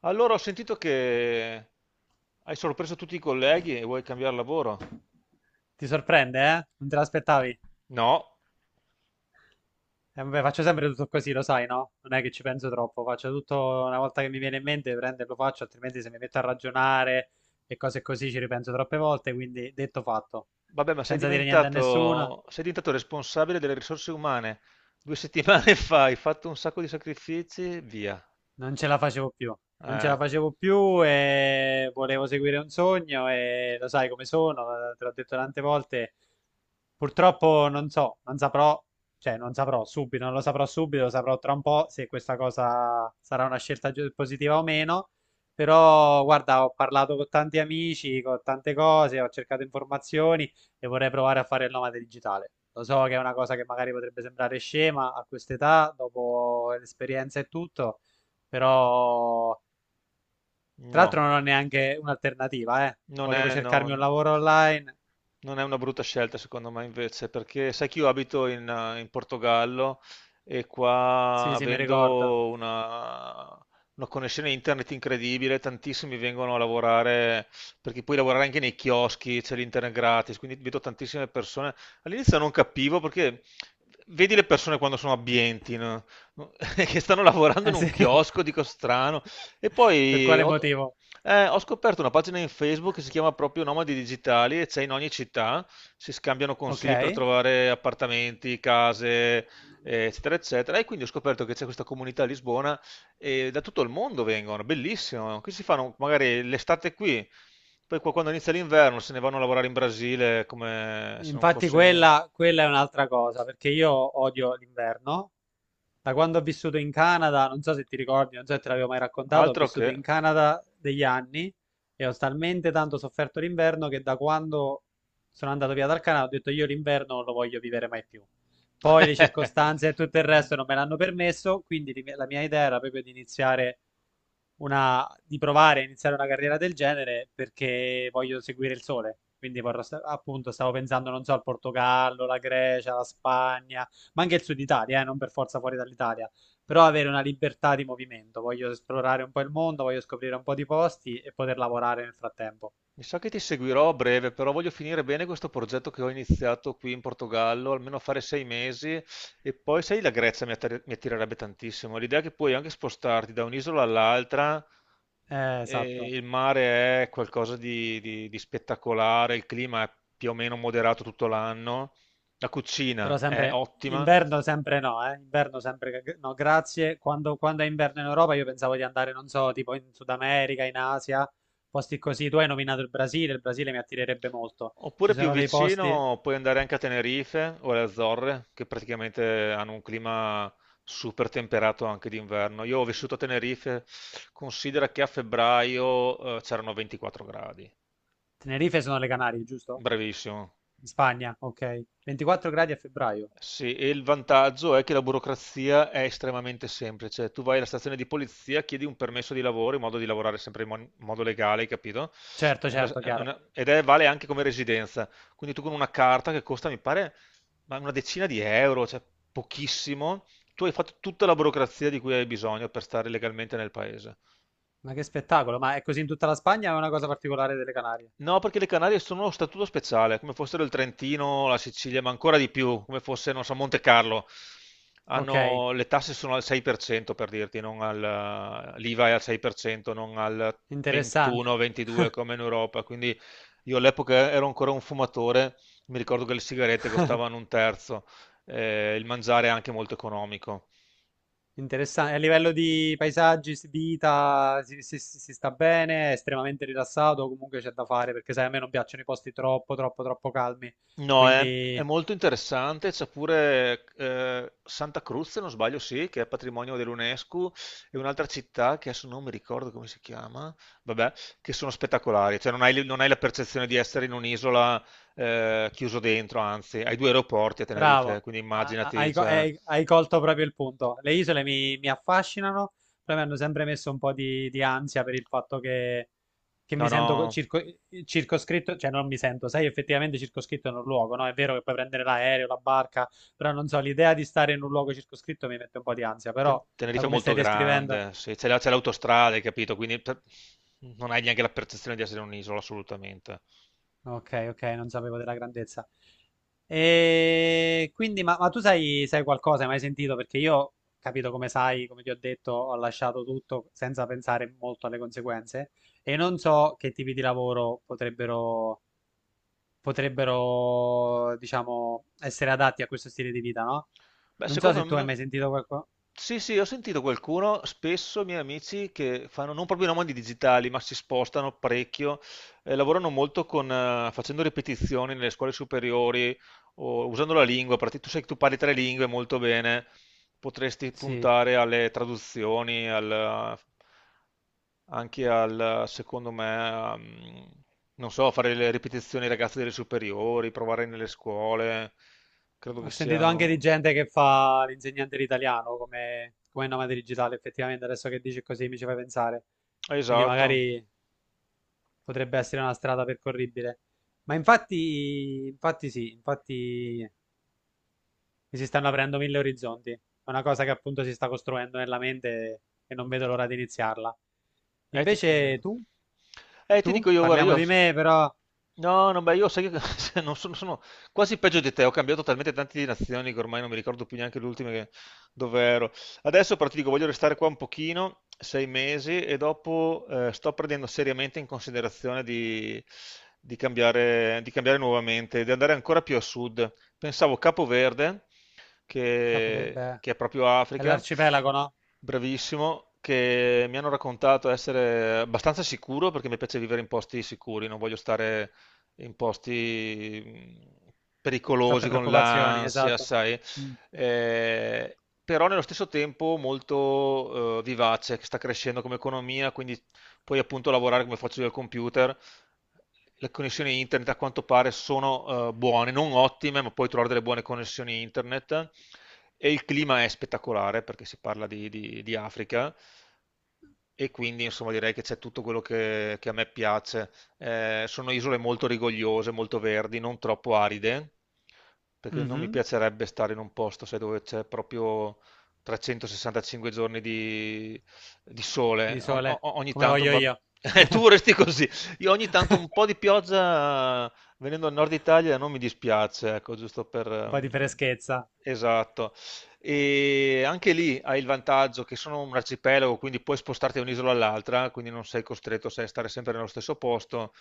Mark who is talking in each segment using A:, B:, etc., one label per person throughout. A: Allora ho sentito che hai sorpreso tutti i colleghi e vuoi cambiare lavoro?
B: Ti sorprende, eh? Non te l'aspettavi?
A: No,
B: Vabbè, faccio sempre tutto così, lo sai, no? Non è che ci penso troppo, faccio tutto una volta che mi viene in mente, prendo e lo faccio, altrimenti se mi metto a ragionare e cose così ci ripenso troppe volte, quindi detto fatto.
A: vabbè, ma sei
B: Senza dire niente a nessuno.
A: diventato, sei diventato responsabile delle risorse umane. Due settimane fa hai fatto un sacco di sacrifici, via.
B: Non ce la facevo più, non ce
A: Eh,
B: la facevo più e volevo seguire un sogno e lo sai come sono, te l'ho detto tante volte. Purtroppo non so, non saprò, cioè non saprò subito, non lo saprò subito, lo saprò tra un po' se questa cosa sarà una scelta giu- positiva o meno. Però guarda, ho parlato con tanti amici, con tante cose, ho cercato informazioni e vorrei provare a fare il nomade digitale. Lo so che è una cosa che magari potrebbe sembrare scema a quest'età, dopo l'esperienza e tutto, però, tra l'altro,
A: no.
B: non ho neanche un'alternativa, eh.
A: Non
B: Volevo
A: è,
B: cercarmi un
A: non-
B: lavoro online.
A: non è una brutta scelta secondo me invece, perché sai che io abito in Portogallo e qua
B: Sì, sì, mi ricordo.
A: avendo una connessione internet incredibile, tantissimi vengono a lavorare, perché puoi lavorare anche nei chioschi, c'è l'internet gratis, quindi vedo tantissime persone. All'inizio non capivo perché vedi le persone quando sono abbienti, no? che stanno lavorando in
B: Eh sì.
A: un chiosco, dico strano, e
B: Per
A: poi
B: quale
A: ho
B: motivo?
A: eh, ho scoperto una pagina in Facebook che si chiama proprio Nomadi Digitali e c'è in ogni città, si scambiano
B: Ok.
A: consigli per trovare appartamenti, case, eccetera, eccetera. E quindi ho scoperto che c'è questa comunità a Lisbona e da tutto il mondo vengono, bellissimo. Qui si fanno magari l'estate qui, poi qua quando inizia l'inverno se ne vanno a lavorare in Brasile come se non
B: Infatti
A: fosse niente.
B: quella, quella è un'altra cosa, perché io odio l'inverno. Da quando ho vissuto in Canada, non so se ti ricordi, non so se te l'avevo mai raccontato, ho
A: Altro
B: vissuto
A: che...
B: in Canada degli anni e ho talmente tanto sofferto l'inverno che da quando sono andato via dal Canada ho detto io l'inverno non lo voglio vivere mai più. Poi le circostanze e tutto il resto non me l'hanno permesso, quindi li- la mia idea era proprio di iniziare una, di provare a iniziare una carriera del genere perché voglio seguire il sole. Quindi vorrò sta- appunto stavo pensando, non so, al Portogallo, la Grecia, la Spagna, ma anche il Sud Italia, non per forza fuori dall'Italia, però avere una libertà di movimento. Voglio esplorare un po' il mondo, voglio scoprire un po' di posti e poter lavorare nel frattempo.
A: Mi sa che ti seguirò a breve, però voglio finire bene questo progetto che ho iniziato qui in Portogallo, almeno fare 6 mesi e poi, sai, la Grecia mi attirerebbe tantissimo. L'idea è che puoi anche spostarti da un'isola all'altra e
B: Esatto.
A: il mare è qualcosa di spettacolare, il clima è più o meno moderato tutto l'anno, la
B: Però
A: cucina è
B: sempre
A: ottima.
B: inverno, sempre no, eh? Inverno sempre che- no, grazie. Quando, quando è inverno in Europa io pensavo di andare, non so, tipo in Sud America, in Asia, posti così. Tu hai nominato il Brasile mi attirerebbe molto. Ci
A: Oppure più
B: sono dei posti.
A: vicino puoi andare anche a Tenerife o alle Azzorre, che praticamente hanno un clima super temperato anche d'inverno. Io ho vissuto a Tenerife, considera che a febbraio c'erano 24 gradi.
B: Tenerife sono le Canarie, giusto?
A: Bravissimo.
B: In Spagna, ok. 24 gradi a febbraio.
A: Sì, e il vantaggio è che la burocrazia è estremamente semplice. Tu vai alla stazione di polizia, chiedi un permesso di lavoro in modo di lavorare sempre in modo legale, hai capito?
B: Certo, certo,
A: È
B: chiaro.
A: una- ed è, vale anche come residenza. Quindi tu con una carta che costa, mi pare, ma una decina di euro, cioè pochissimo, tu hai fatto tutta la burocrazia di cui hai bisogno per stare legalmente nel paese.
B: Ma che spettacolo, ma è così in tutta la Spagna o è una cosa particolare delle Canarie?
A: No, perché le Canarie sono a statuto speciale, come fossero il Trentino, la Sicilia, ma ancora di più, come fosse, non so, Monte Carlo.
B: Ok,
A: Le tasse sono al 6% per dirti, non al, l'IVA è al 6%, non al
B: interessante.
A: 21-22 come in Europa. Quindi io all'epoca ero ancora un fumatore, mi ricordo che le sigarette costavano un terzo, il mangiare è anche molto economico.
B: Interessante. A livello di paesaggi, si- vita, si- si- si sta bene, è estremamente rilassato, comunque c'è da fare, perché sai, a me non piacciono i posti troppo, troppo, troppo calmi.
A: No, è
B: Quindi
A: molto interessante, c'è pure Santa Cruz, se non sbaglio, sì, che è patrimonio dell'UNESCO, e un'altra città che adesso non mi ricordo come si chiama, vabbè, che sono spettacolari, cioè non hai la percezione di essere in un'isola chiuso dentro, anzi, hai due aeroporti a Tenerife,
B: bravo.
A: quindi
B: Ah, ah,
A: immaginati,
B: hai, co-
A: cioè,
B: hai- hai colto proprio il punto. Le isole mi, mi affascinano, però mi hanno sempre messo un po' di ansia per il fatto che mi
A: no,
B: sento co-
A: no,
B: circo- circoscritto, cioè non mi sento, sei effettivamente circoscritto in un luogo, no? È vero che puoi prendere l'aereo, la barca, però non so, l'idea di stare in un luogo circoscritto mi mette un po' di ansia,
A: Ten-
B: però da
A: Tenerife è
B: come stai
A: molto
B: descrivendo.
A: grande, sì, c'è l'autostrada, hai capito, quindi non hai neanche la percezione di essere in un'isola, assolutamente.
B: Ok, ok, non sapevo della grandezza. E quindi, ma tu sai, sai qualcosa, hai mai sentito? Perché io, capito come sai, come ti ho detto, ho lasciato tutto senza pensare molto alle conseguenze e non so che tipi di lavoro potrebbero, potrebbero, diciamo, essere adatti a questo stile di vita, no?
A: Beh,
B: Non so
A: secondo
B: se tu hai
A: me...
B: mai sentito qualcosa.
A: Sì, sì, ho sentito qualcuno, spesso miei amici che fanno non proprio i nomadi digitali, ma si spostano parecchio, lavorano molto facendo ripetizioni nelle scuole superiori o usando la lingua, perché tu sai che tu parli tre lingue molto bene, potresti
B: Sì.
A: puntare alle traduzioni, anche al, secondo me, non so, fare le ripetizioni ai ragazzi delle superiori, provare nelle scuole, credo
B: Ho
A: che sia...
B: sentito anche di gente che fa l'insegnante di italiano come, come nomade digitale, effettivamente adesso che dici così mi ci fai pensare. Quindi
A: Esatto.
B: magari potrebbe essere una strada percorribile. Ma infatti, infatti sì, infatti mi si stanno aprendo mille orizzonti. È una cosa che appunto si sta costruendo nella mente e non vedo l'ora di iniziarla.
A: Ti
B: Invece
A: credo.
B: tu,
A: Ti dico
B: tu,
A: io, guarda,
B: parliamo
A: io...
B: di me però.
A: No, no, beh, io sai che se non sono, sono quasi peggio di te, ho cambiato talmente tante di nazioni che ormai non mi ricordo più neanche l'ultima che... dove ero. Adesso però ti dico, voglio restare qua un pochino, 6 mesi, e dopo sto prendendo seriamente in considerazione di cambiare nuovamente, di andare ancora più a sud. Pensavo Capoverde,
B: Capo, beh,
A: che è proprio
B: è
A: Africa,
B: l'arcipelago, no?
A: bravissimo, che mi hanno raccontato essere abbastanza sicuro perché mi piace vivere in posti sicuri, non voglio stare in posti pericolosi
B: Troppe
A: con
B: preoccupazioni,
A: l'ansia,
B: esatto.
A: sai.
B: Mm.
A: Eh, Però nello stesso tempo molto vivace, che sta crescendo come economia, quindi puoi appunto lavorare come faccio io al computer, le connessioni internet a quanto pare sono buone, non ottime, ma puoi trovare delle buone connessioni internet e il clima è spettacolare perché si parla di Africa e quindi insomma direi che c'è tutto quello che a me piace. Sono isole molto rigogliose, molto verdi, non troppo aride, perché non mi
B: Mhm.
A: piacerebbe stare in un posto sai, dove c'è proprio 365 giorni di sole.
B: Di
A: Ogni, o-
B: sole,
A: ogni
B: come
A: tanto
B: voglio
A: va...
B: io.
A: Tu
B: Un
A: vorresti così, io ogni tanto un po' di pioggia venendo al nord Italia non mi dispiace, ecco, giusto per...
B: po' di freschezza,
A: Esatto. E anche lì hai il vantaggio che sono un arcipelago, quindi puoi spostarti da un'isola all'altra, quindi non sei costretto, sai, a stare sempre nello stesso posto.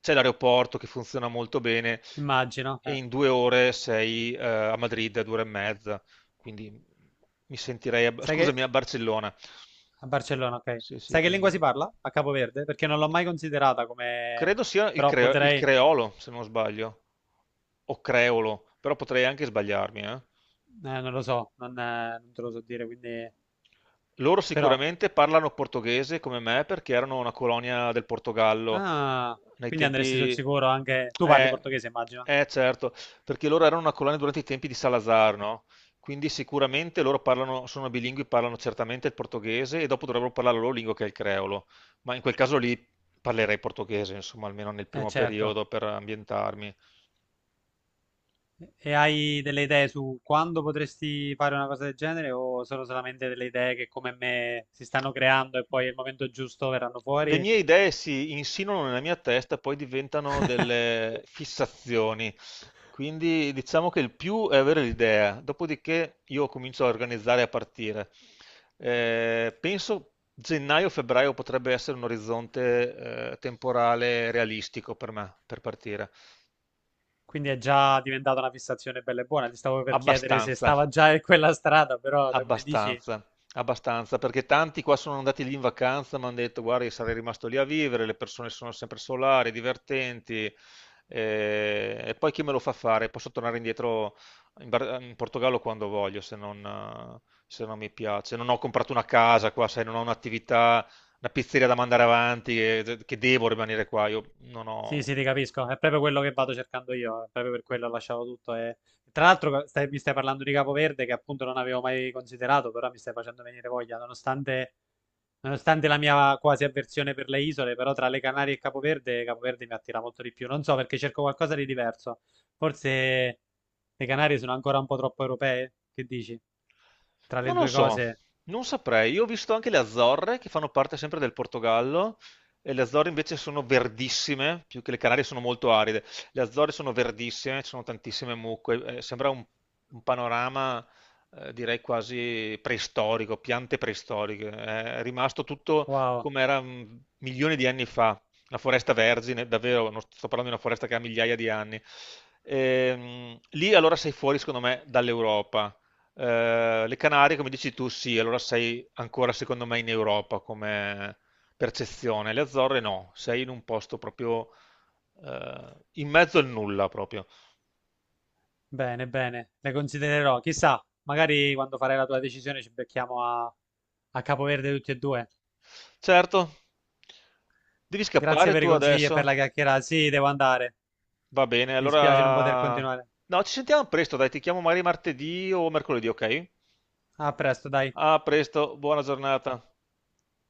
A: C'è l'aeroporto che funziona molto bene
B: immagino.
A: e in 2 ore sei a Madrid, a 2 ore e mezza, quindi mi sentirei,
B: Sai
A: scusami,
B: che
A: a Barcellona.
B: a Barcellona, ok.
A: Sì, sì,
B: Sai che lingua
A: quindi...
B: si parla a Capo Verde? Perché non l'ho mai considerata come...
A: Credo sia il,
B: Però
A: cre- il
B: potrei...
A: creolo, se non sbaglio, o creolo, però potrei anche sbagliarmi, eh.
B: non lo so, non, non te lo so dire, quindi...
A: Loro
B: Però...
A: sicuramente parlano portoghese come me perché erano una colonia del Portogallo
B: Ah,
A: nei
B: quindi andresti sul
A: tempi...
B: sicuro anche... Tu parli
A: Eh,
B: portoghese, immagino.
A: certo, perché loro erano una colonia durante i tempi di Salazar, no? Quindi sicuramente loro parlano, sono bilingui, parlano certamente il portoghese e dopo dovrebbero parlare la loro lingua che è il creolo. Ma in quel caso lì parlerei portoghese, insomma, almeno nel primo
B: Certo.
A: periodo per ambientarmi.
B: E hai delle idee su quando potresti fare una cosa del genere o sono solamente delle idee che come me si stanno creando e poi al momento giusto verranno
A: Le
B: fuori?
A: mie idee si insinuano nella mia testa, poi diventano delle fissazioni. Quindi diciamo che il più è avere l'idea, dopodiché io comincio a organizzare e a partire. Penso gennaio-febbraio potrebbe essere un orizzonte temporale realistico per me, per partire.
B: Quindi è già diventata una fissazione bella e buona. Ti stavo per chiedere se
A: Abbastanza.
B: stava già in quella strada, però da come dici,
A: Abbastanza, abbastanza, perché tanti qua sono andati lì in vacanza, mi hanno detto, guarda, io sarei rimasto lì a vivere, le persone sono sempre solari, divertenti, e poi chi me lo fa fare? Posso tornare indietro in Portogallo quando voglio, se non mi piace. Non ho comprato una casa qua, sai, non ho un'attività, una pizzeria da mandare avanti, che devo rimanere qua, io non
B: sì,
A: ho...
B: sì, ti capisco. È proprio quello che vado cercando io, è proprio per quello ho lasciato tutto. E... Tra l'altro stai- mi stai parlando di Capoverde che appunto non avevo mai considerato, però mi stai facendo venire voglia, nonostante, nonostante la mia quasi avversione per le isole, però tra le Canarie e Capoverde, Capoverde mi attira molto di più. Non so perché cerco qualcosa di diverso. Forse le Canarie sono ancora un po' troppo europee, che dici? Tra le
A: Non lo
B: due
A: so,
B: cose...
A: non saprei. Io ho visto anche le Azzorre che fanno parte sempre del Portogallo e le Azzorre invece sono verdissime, più che le Canarie sono molto aride. Le Azzorre sono verdissime, ci sono tantissime mucche, sembra un panorama direi quasi preistorico, piante preistoriche. È rimasto tutto
B: Wow,
A: come era milioni di anni fa, una foresta vergine, davvero, non sto parlando di una foresta che ha migliaia di anni. Lì allora sei fuori, secondo me, dall'Europa. Le Canarie, come dici tu, sì, allora sei ancora secondo me in Europa come percezione. Le Azzorre no, sei in un posto proprio in mezzo al nulla proprio.
B: bene, bene, le considererò. Chissà, magari quando farai la tua decisione ci becchiamo a, a Capoverde tutti e due.
A: Certo, devi
B: Grazie
A: scappare
B: per
A: tu
B: i consigli e per
A: adesso?
B: la chiacchierata. Sì, devo andare.
A: Va bene,
B: Mi dispiace non poter
A: allora...
B: continuare.
A: No, ci sentiamo presto, dai, ti chiamo magari martedì o mercoledì, ok?
B: A presto, dai.
A: A presto, buona giornata.